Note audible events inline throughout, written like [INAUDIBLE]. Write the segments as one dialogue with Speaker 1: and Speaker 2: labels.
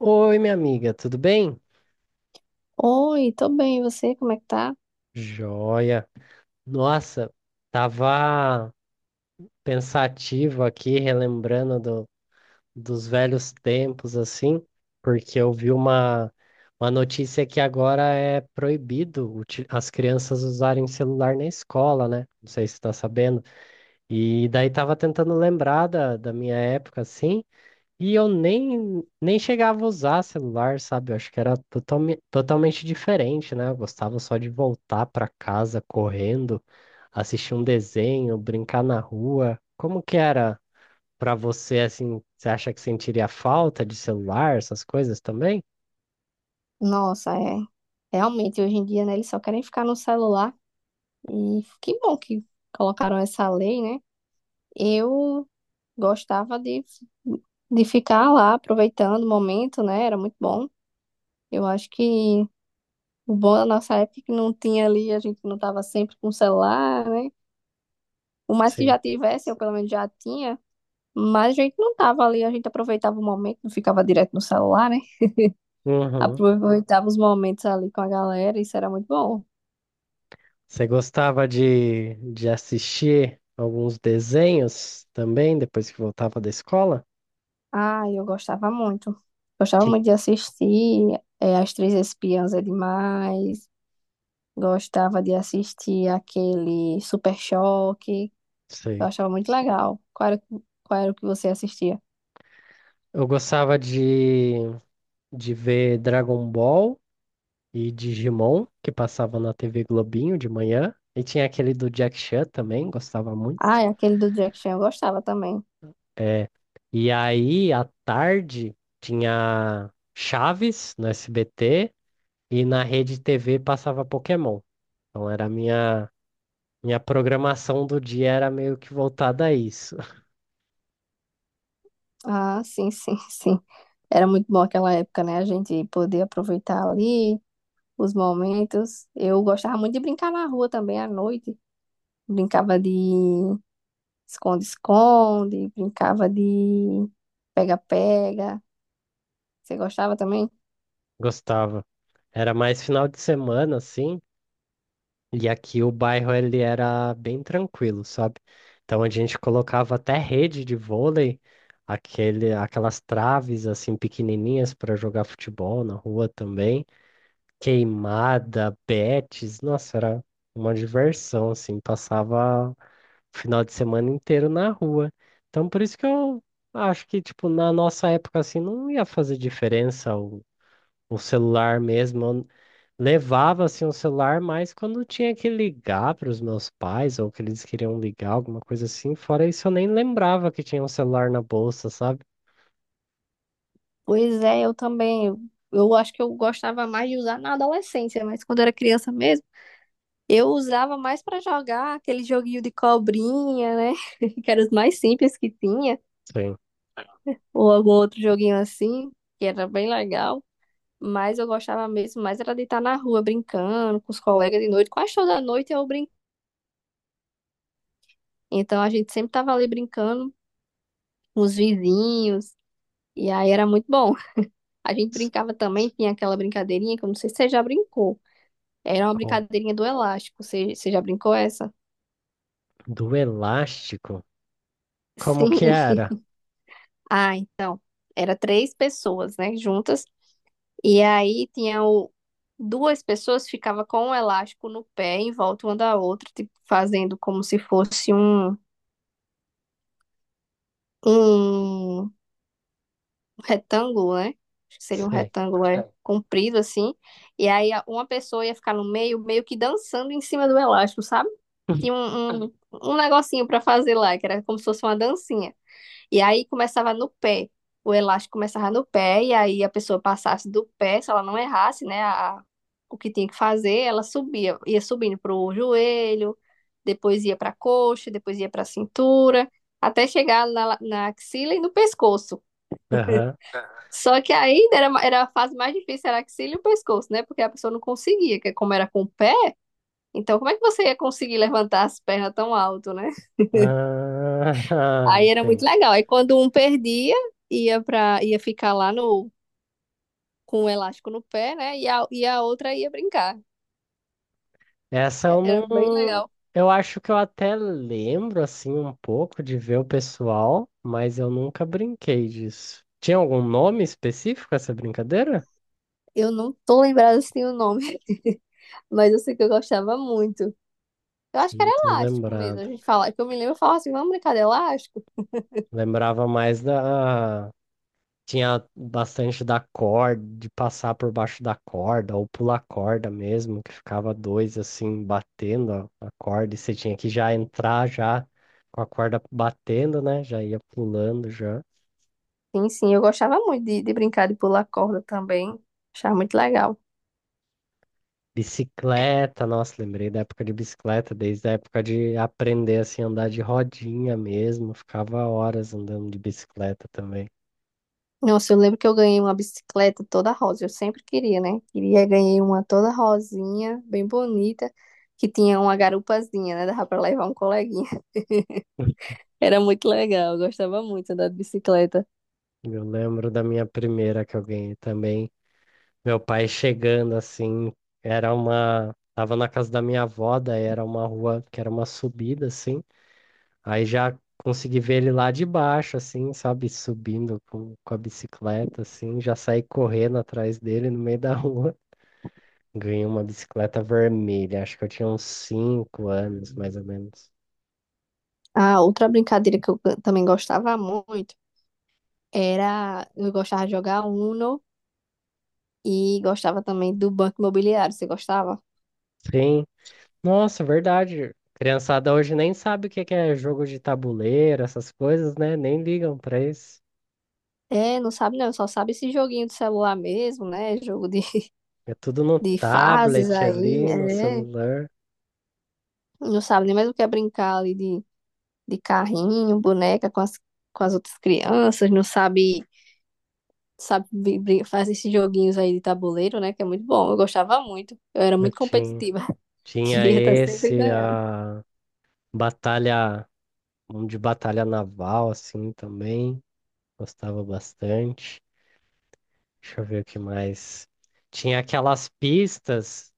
Speaker 1: Oi, minha amiga, tudo bem?
Speaker 2: Oi, tô bem, e você, como é que tá?
Speaker 1: Joia. Nossa, tava pensativo aqui, relembrando dos velhos tempos, assim, porque eu vi uma notícia que agora é proibido as crianças usarem celular na escola, né? Não sei se você tá sabendo. E daí tava tentando lembrar da minha época, assim. E eu nem chegava a usar celular, sabe? Eu acho que era totalmente diferente, né? Eu gostava só de voltar para casa correndo, assistir um desenho, brincar na rua. Como que era para você, assim? Você acha que sentiria falta de celular, essas coisas também?
Speaker 2: Nossa, é. Realmente, hoje em dia, né, eles só querem ficar no celular. E que bom que colocaram essa lei, né? Eu gostava de ficar lá aproveitando o momento, né? Era muito bom. Eu acho que o bom da nossa época é que não tinha ali, a gente não tava sempre com o celular, né? O mais que
Speaker 1: Sim.
Speaker 2: já tivesse, eu pelo menos já tinha. Mas a gente não tava ali, a gente aproveitava o momento, não ficava direto no celular, né?
Speaker 1: Uhum.
Speaker 2: Aproveitava os momentos ali com a galera, isso era muito bom.
Speaker 1: Você gostava de assistir alguns desenhos também, depois que voltava da escola?
Speaker 2: Ah, eu gostava muito. Gostava
Speaker 1: Que
Speaker 2: muito de assistir é, As Três Espiãs é demais. Gostava de assistir aquele Super Choque. Eu
Speaker 1: sei.
Speaker 2: achava muito legal. Qual era o que você assistia?
Speaker 1: Eu gostava de ver Dragon Ball e Digimon, que passava na TV Globinho de manhã. E tinha aquele do Jack Chan também, gostava muito.
Speaker 2: Ah, e aquele do Jack Chan eu gostava também.
Speaker 1: É, e aí, à tarde, tinha Chaves no SBT e na Rede TV passava Pokémon. Então era a minha programação do dia era meio que voltada a isso.
Speaker 2: Ah, sim, sim, [LAUGHS] sim. Era muito bom aquela época, né? A gente poder aproveitar ali os momentos. Eu gostava muito de brincar na rua também à noite. Brincava de esconde-esconde, brincava de pega-pega. Você gostava também?
Speaker 1: [LAUGHS] Gostava. Era mais final de semana, assim. E aqui o bairro ele era bem tranquilo, sabe? Então a gente colocava até rede de vôlei, aquelas traves assim pequenininhas para jogar futebol na rua também, queimada, betes, nossa, era uma diversão assim, passava o final de semana inteiro na rua. Então por isso que eu acho que tipo na nossa época assim não ia fazer diferença o celular mesmo. Levava assim o celular, mas quando tinha que ligar para os meus pais ou que eles queriam ligar, alguma coisa assim, fora isso eu nem lembrava que tinha um celular na bolsa, sabe?
Speaker 2: Pois é, eu também. Eu acho que eu gostava mais de usar na adolescência, mas quando era criança mesmo, eu usava mais pra jogar aquele joguinho de cobrinha, né? [LAUGHS] Que era os mais simples que tinha,
Speaker 1: Sim.
Speaker 2: ou algum outro joguinho assim, que era bem legal. Mas eu gostava mesmo mais era de estar na rua brincando com os colegas de noite. Quase toda noite eu brincava. Então a gente sempre tava ali brincando com os vizinhos. E aí era muito bom. A gente brincava também, tinha aquela brincadeirinha que eu não sei se você já brincou. Era uma
Speaker 1: Qual-
Speaker 2: brincadeirinha do elástico. Você já brincou essa?
Speaker 1: Do elástico? Como
Speaker 2: Sim.
Speaker 1: que era?
Speaker 2: [LAUGHS] Ah, então. Era três pessoas, né, juntas. E aí tinha o... duas pessoas ficava com o elástico no pé em volta uma da outra, tipo, fazendo como se fosse um um retângulo, né? Acho que seria um
Speaker 1: Sei.
Speaker 2: retângulo é, é comprido assim. E aí uma pessoa ia ficar no meio, meio que dançando em cima do elástico, sabe? Tinha um negocinho pra fazer lá, que era como se fosse uma dancinha. E aí começava no pé. O elástico começava no pé, e aí a pessoa passasse do pé, se ela não errasse, né? A, o que tinha que fazer, ela subia, ia subindo pro joelho, depois ia pra coxa, depois ia pra cintura, até chegar na, na axila e no pescoço.
Speaker 1: Aham.
Speaker 2: Só que ainda era a fase mais difícil, era a axila e o pescoço, né? Porque a pessoa não conseguia, que como era com o pé, então como é que você ia conseguir levantar as pernas tão alto, né?
Speaker 1: Ah, [LAUGHS]
Speaker 2: Aí era muito
Speaker 1: entendi.
Speaker 2: legal. Aí quando um perdia, ia ficar lá no com o elástico no pé, né? E a outra ia brincar.
Speaker 1: Essa eu
Speaker 2: Era bem
Speaker 1: não.
Speaker 2: legal.
Speaker 1: Eu acho que eu até lembro assim um pouco de ver o pessoal, mas eu nunca brinquei disso. Tinha algum nome específico essa brincadeira?
Speaker 2: Eu não tô lembrada se tem o nome, [LAUGHS] mas eu sei que eu gostava muito. Eu acho que era
Speaker 1: Não tô
Speaker 2: elástico mesmo. A
Speaker 1: lembrado.
Speaker 2: gente falava que eu me lembro, eu falava assim, vamos brincar de elástico?
Speaker 1: Lembrava mais da. Tinha bastante da corda, de passar por baixo da corda, ou pular corda mesmo, que ficava dois assim, batendo a corda, e você tinha que já entrar já com a corda batendo, né? Já ia pulando já.
Speaker 2: Sim, sim, eu gostava muito de brincar de pular corda também. Achava muito legal.
Speaker 1: Bicicleta, nossa, lembrei da época de bicicleta, desde a época de aprender assim, a andar de rodinha mesmo, ficava horas andando de bicicleta também.
Speaker 2: Nossa, eu lembro que eu ganhei uma bicicleta toda rosa. Eu sempre queria, né? Queria, ganhei uma toda rosinha, bem bonita, que tinha uma garupazinha, né? Dava pra levar um coleguinha. [LAUGHS]
Speaker 1: [LAUGHS]
Speaker 2: Era muito legal, eu gostava muito de andar de bicicleta.
Speaker 1: Eu lembro da minha primeira que eu ganhei também. Meu pai chegando assim, era uma. Tava na casa da minha avó, daí era uma rua que era uma subida, assim. Aí já consegui ver ele lá de baixo, assim, sabe? Subindo com a bicicleta, assim. Já saí correndo atrás dele no meio da rua. [LAUGHS] Ganhei uma bicicleta vermelha, acho que eu tinha uns cinco anos, mais ou menos.
Speaker 2: Ah, outra brincadeira que eu também gostava muito era... Eu gostava de jogar Uno e gostava também do Banco Imobiliário. Você gostava?
Speaker 1: Sim. Nossa, verdade. Criançada hoje nem sabe o que que é jogo de tabuleiro, essas coisas, né? Nem ligam pra isso.
Speaker 2: É, não sabe não, só sabe esse joguinho do celular mesmo, né? Jogo
Speaker 1: É tudo no
Speaker 2: de fases
Speaker 1: tablet
Speaker 2: aí,
Speaker 1: ali, no
Speaker 2: é,
Speaker 1: celular.
Speaker 2: não sabe nem mais o que é brincar ali de carrinho, boneca com as outras crianças, não sabe, sabe fazer esses joguinhos aí de tabuleiro, né, que é muito bom, eu gostava muito, eu era
Speaker 1: Eu
Speaker 2: muito competitiva, [LAUGHS]
Speaker 1: tinha
Speaker 2: queria estar sempre
Speaker 1: esse,
Speaker 2: ganhando.
Speaker 1: a batalha, um de batalha naval, assim, também. Gostava bastante. Deixa eu ver o que mais. Tinha aquelas pistas.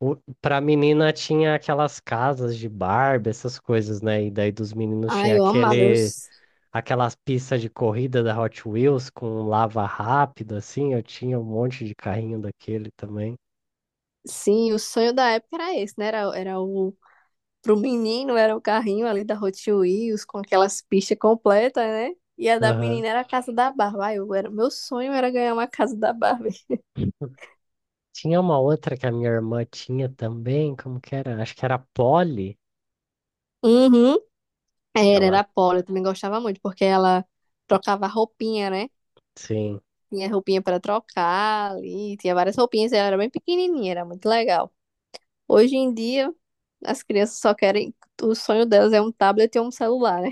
Speaker 1: O, pra menina tinha aquelas casas de Barbie, essas coisas, né? E daí dos meninos
Speaker 2: Ai,
Speaker 1: tinha
Speaker 2: eu amava,
Speaker 1: aquele, aquelas pistas de corrida da Hot Wheels com lava rápido, assim. Eu tinha um monte de carrinho daquele também.
Speaker 2: sim, o sonho da época era esse, né, era, era o, pro menino era o carrinho ali da Hot Wheels, com aquelas pistas completas, né. E a da
Speaker 1: Aham.
Speaker 2: menina era a casa da Barbie. Ai, eu era, meu sonho era ganhar uma casa da Barbie.
Speaker 1: Tinha uma outra que a minha irmã tinha também, como que era? Acho que era a Polly.
Speaker 2: Uhum. Era,
Speaker 1: Ela,
Speaker 2: era polo, eu também gostava muito, porque ela trocava roupinha, né?
Speaker 1: sim.
Speaker 2: Tinha roupinha para trocar ali, tinha várias roupinhas, e ela era bem pequenininha, era muito legal. Hoje em dia, as crianças só querem, o sonho delas é um tablet e um celular, né?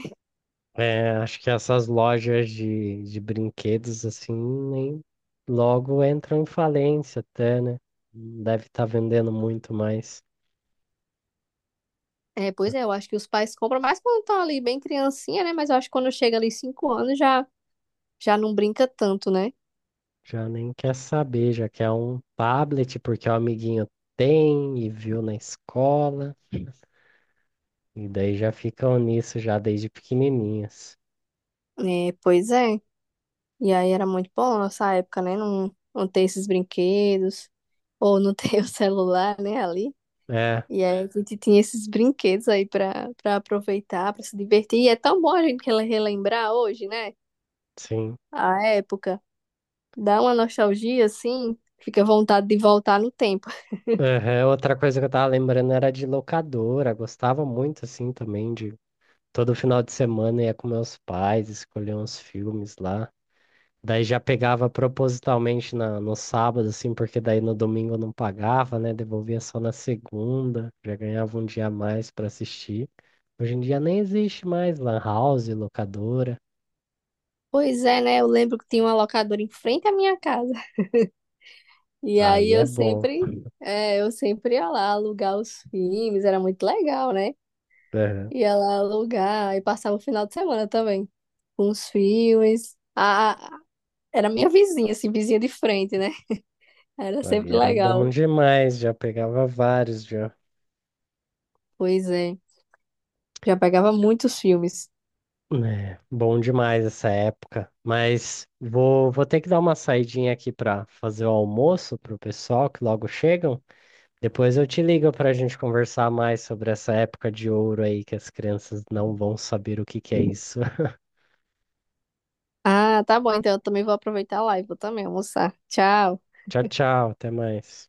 Speaker 1: É, acho que essas lojas de brinquedos, assim, nem logo entram em falência até, né? Não deve estar vendendo muito mais.
Speaker 2: É, pois é, eu acho que os pais compram mais quando estão ali bem criancinha, né? Mas eu acho que quando chega ali 5 anos já, já não brinca tanto, né?
Speaker 1: Já nem quer saber, já quer um tablet porque o amiguinho tem e viu na escola. E daí já ficam nisso já desde pequenininhas.
Speaker 2: É, pois é. E aí era muito bom nossa época, né? Não ter esses brinquedos, ou não ter [LAUGHS] o celular, né?
Speaker 1: É,
Speaker 2: E aí a gente tinha esses brinquedos aí pra, pra aproveitar, pra se divertir. E é tão bom a gente relembrar hoje, né?
Speaker 1: sim.
Speaker 2: A época. Dá uma nostalgia, assim, fica vontade de voltar no tempo.
Speaker 1: Aham, outra coisa que eu tava lembrando era de locadora. Gostava muito, assim, também de todo final de semana ia com meus pais, escolher uns filmes lá. Daí já pegava propositalmente no sábado, assim, porque daí no domingo eu não pagava, né? Devolvia só na segunda, já ganhava um dia a mais pra assistir. Hoje em dia nem existe mais lan house, locadora.
Speaker 2: Pois é, né? Eu lembro que tinha uma locadora em frente à minha casa. E aí
Speaker 1: Aí é
Speaker 2: eu
Speaker 1: bom.
Speaker 2: sempre, é, eu sempre ia lá alugar os filmes, era muito legal, né?
Speaker 1: Aham,
Speaker 2: Ia lá alugar e passava o final de semana também com os filmes. Era minha vizinha, assim, vizinha de frente, né? Era
Speaker 1: aí
Speaker 2: sempre
Speaker 1: era bom
Speaker 2: legal.
Speaker 1: demais, já pegava vários já.
Speaker 2: Pois é. Já pegava muitos filmes.
Speaker 1: É, bom demais essa época. Mas vou ter que dar uma saidinha aqui para fazer o almoço pro pessoal que logo chegam. Depois eu te ligo para a gente conversar mais sobre essa época de ouro aí que as crianças não vão saber o que que é isso. [LAUGHS]
Speaker 2: Ah, tá bom. Então eu também vou aproveitar a live. Vou também almoçar. Tchau.
Speaker 1: Tchau, tchau, até mais.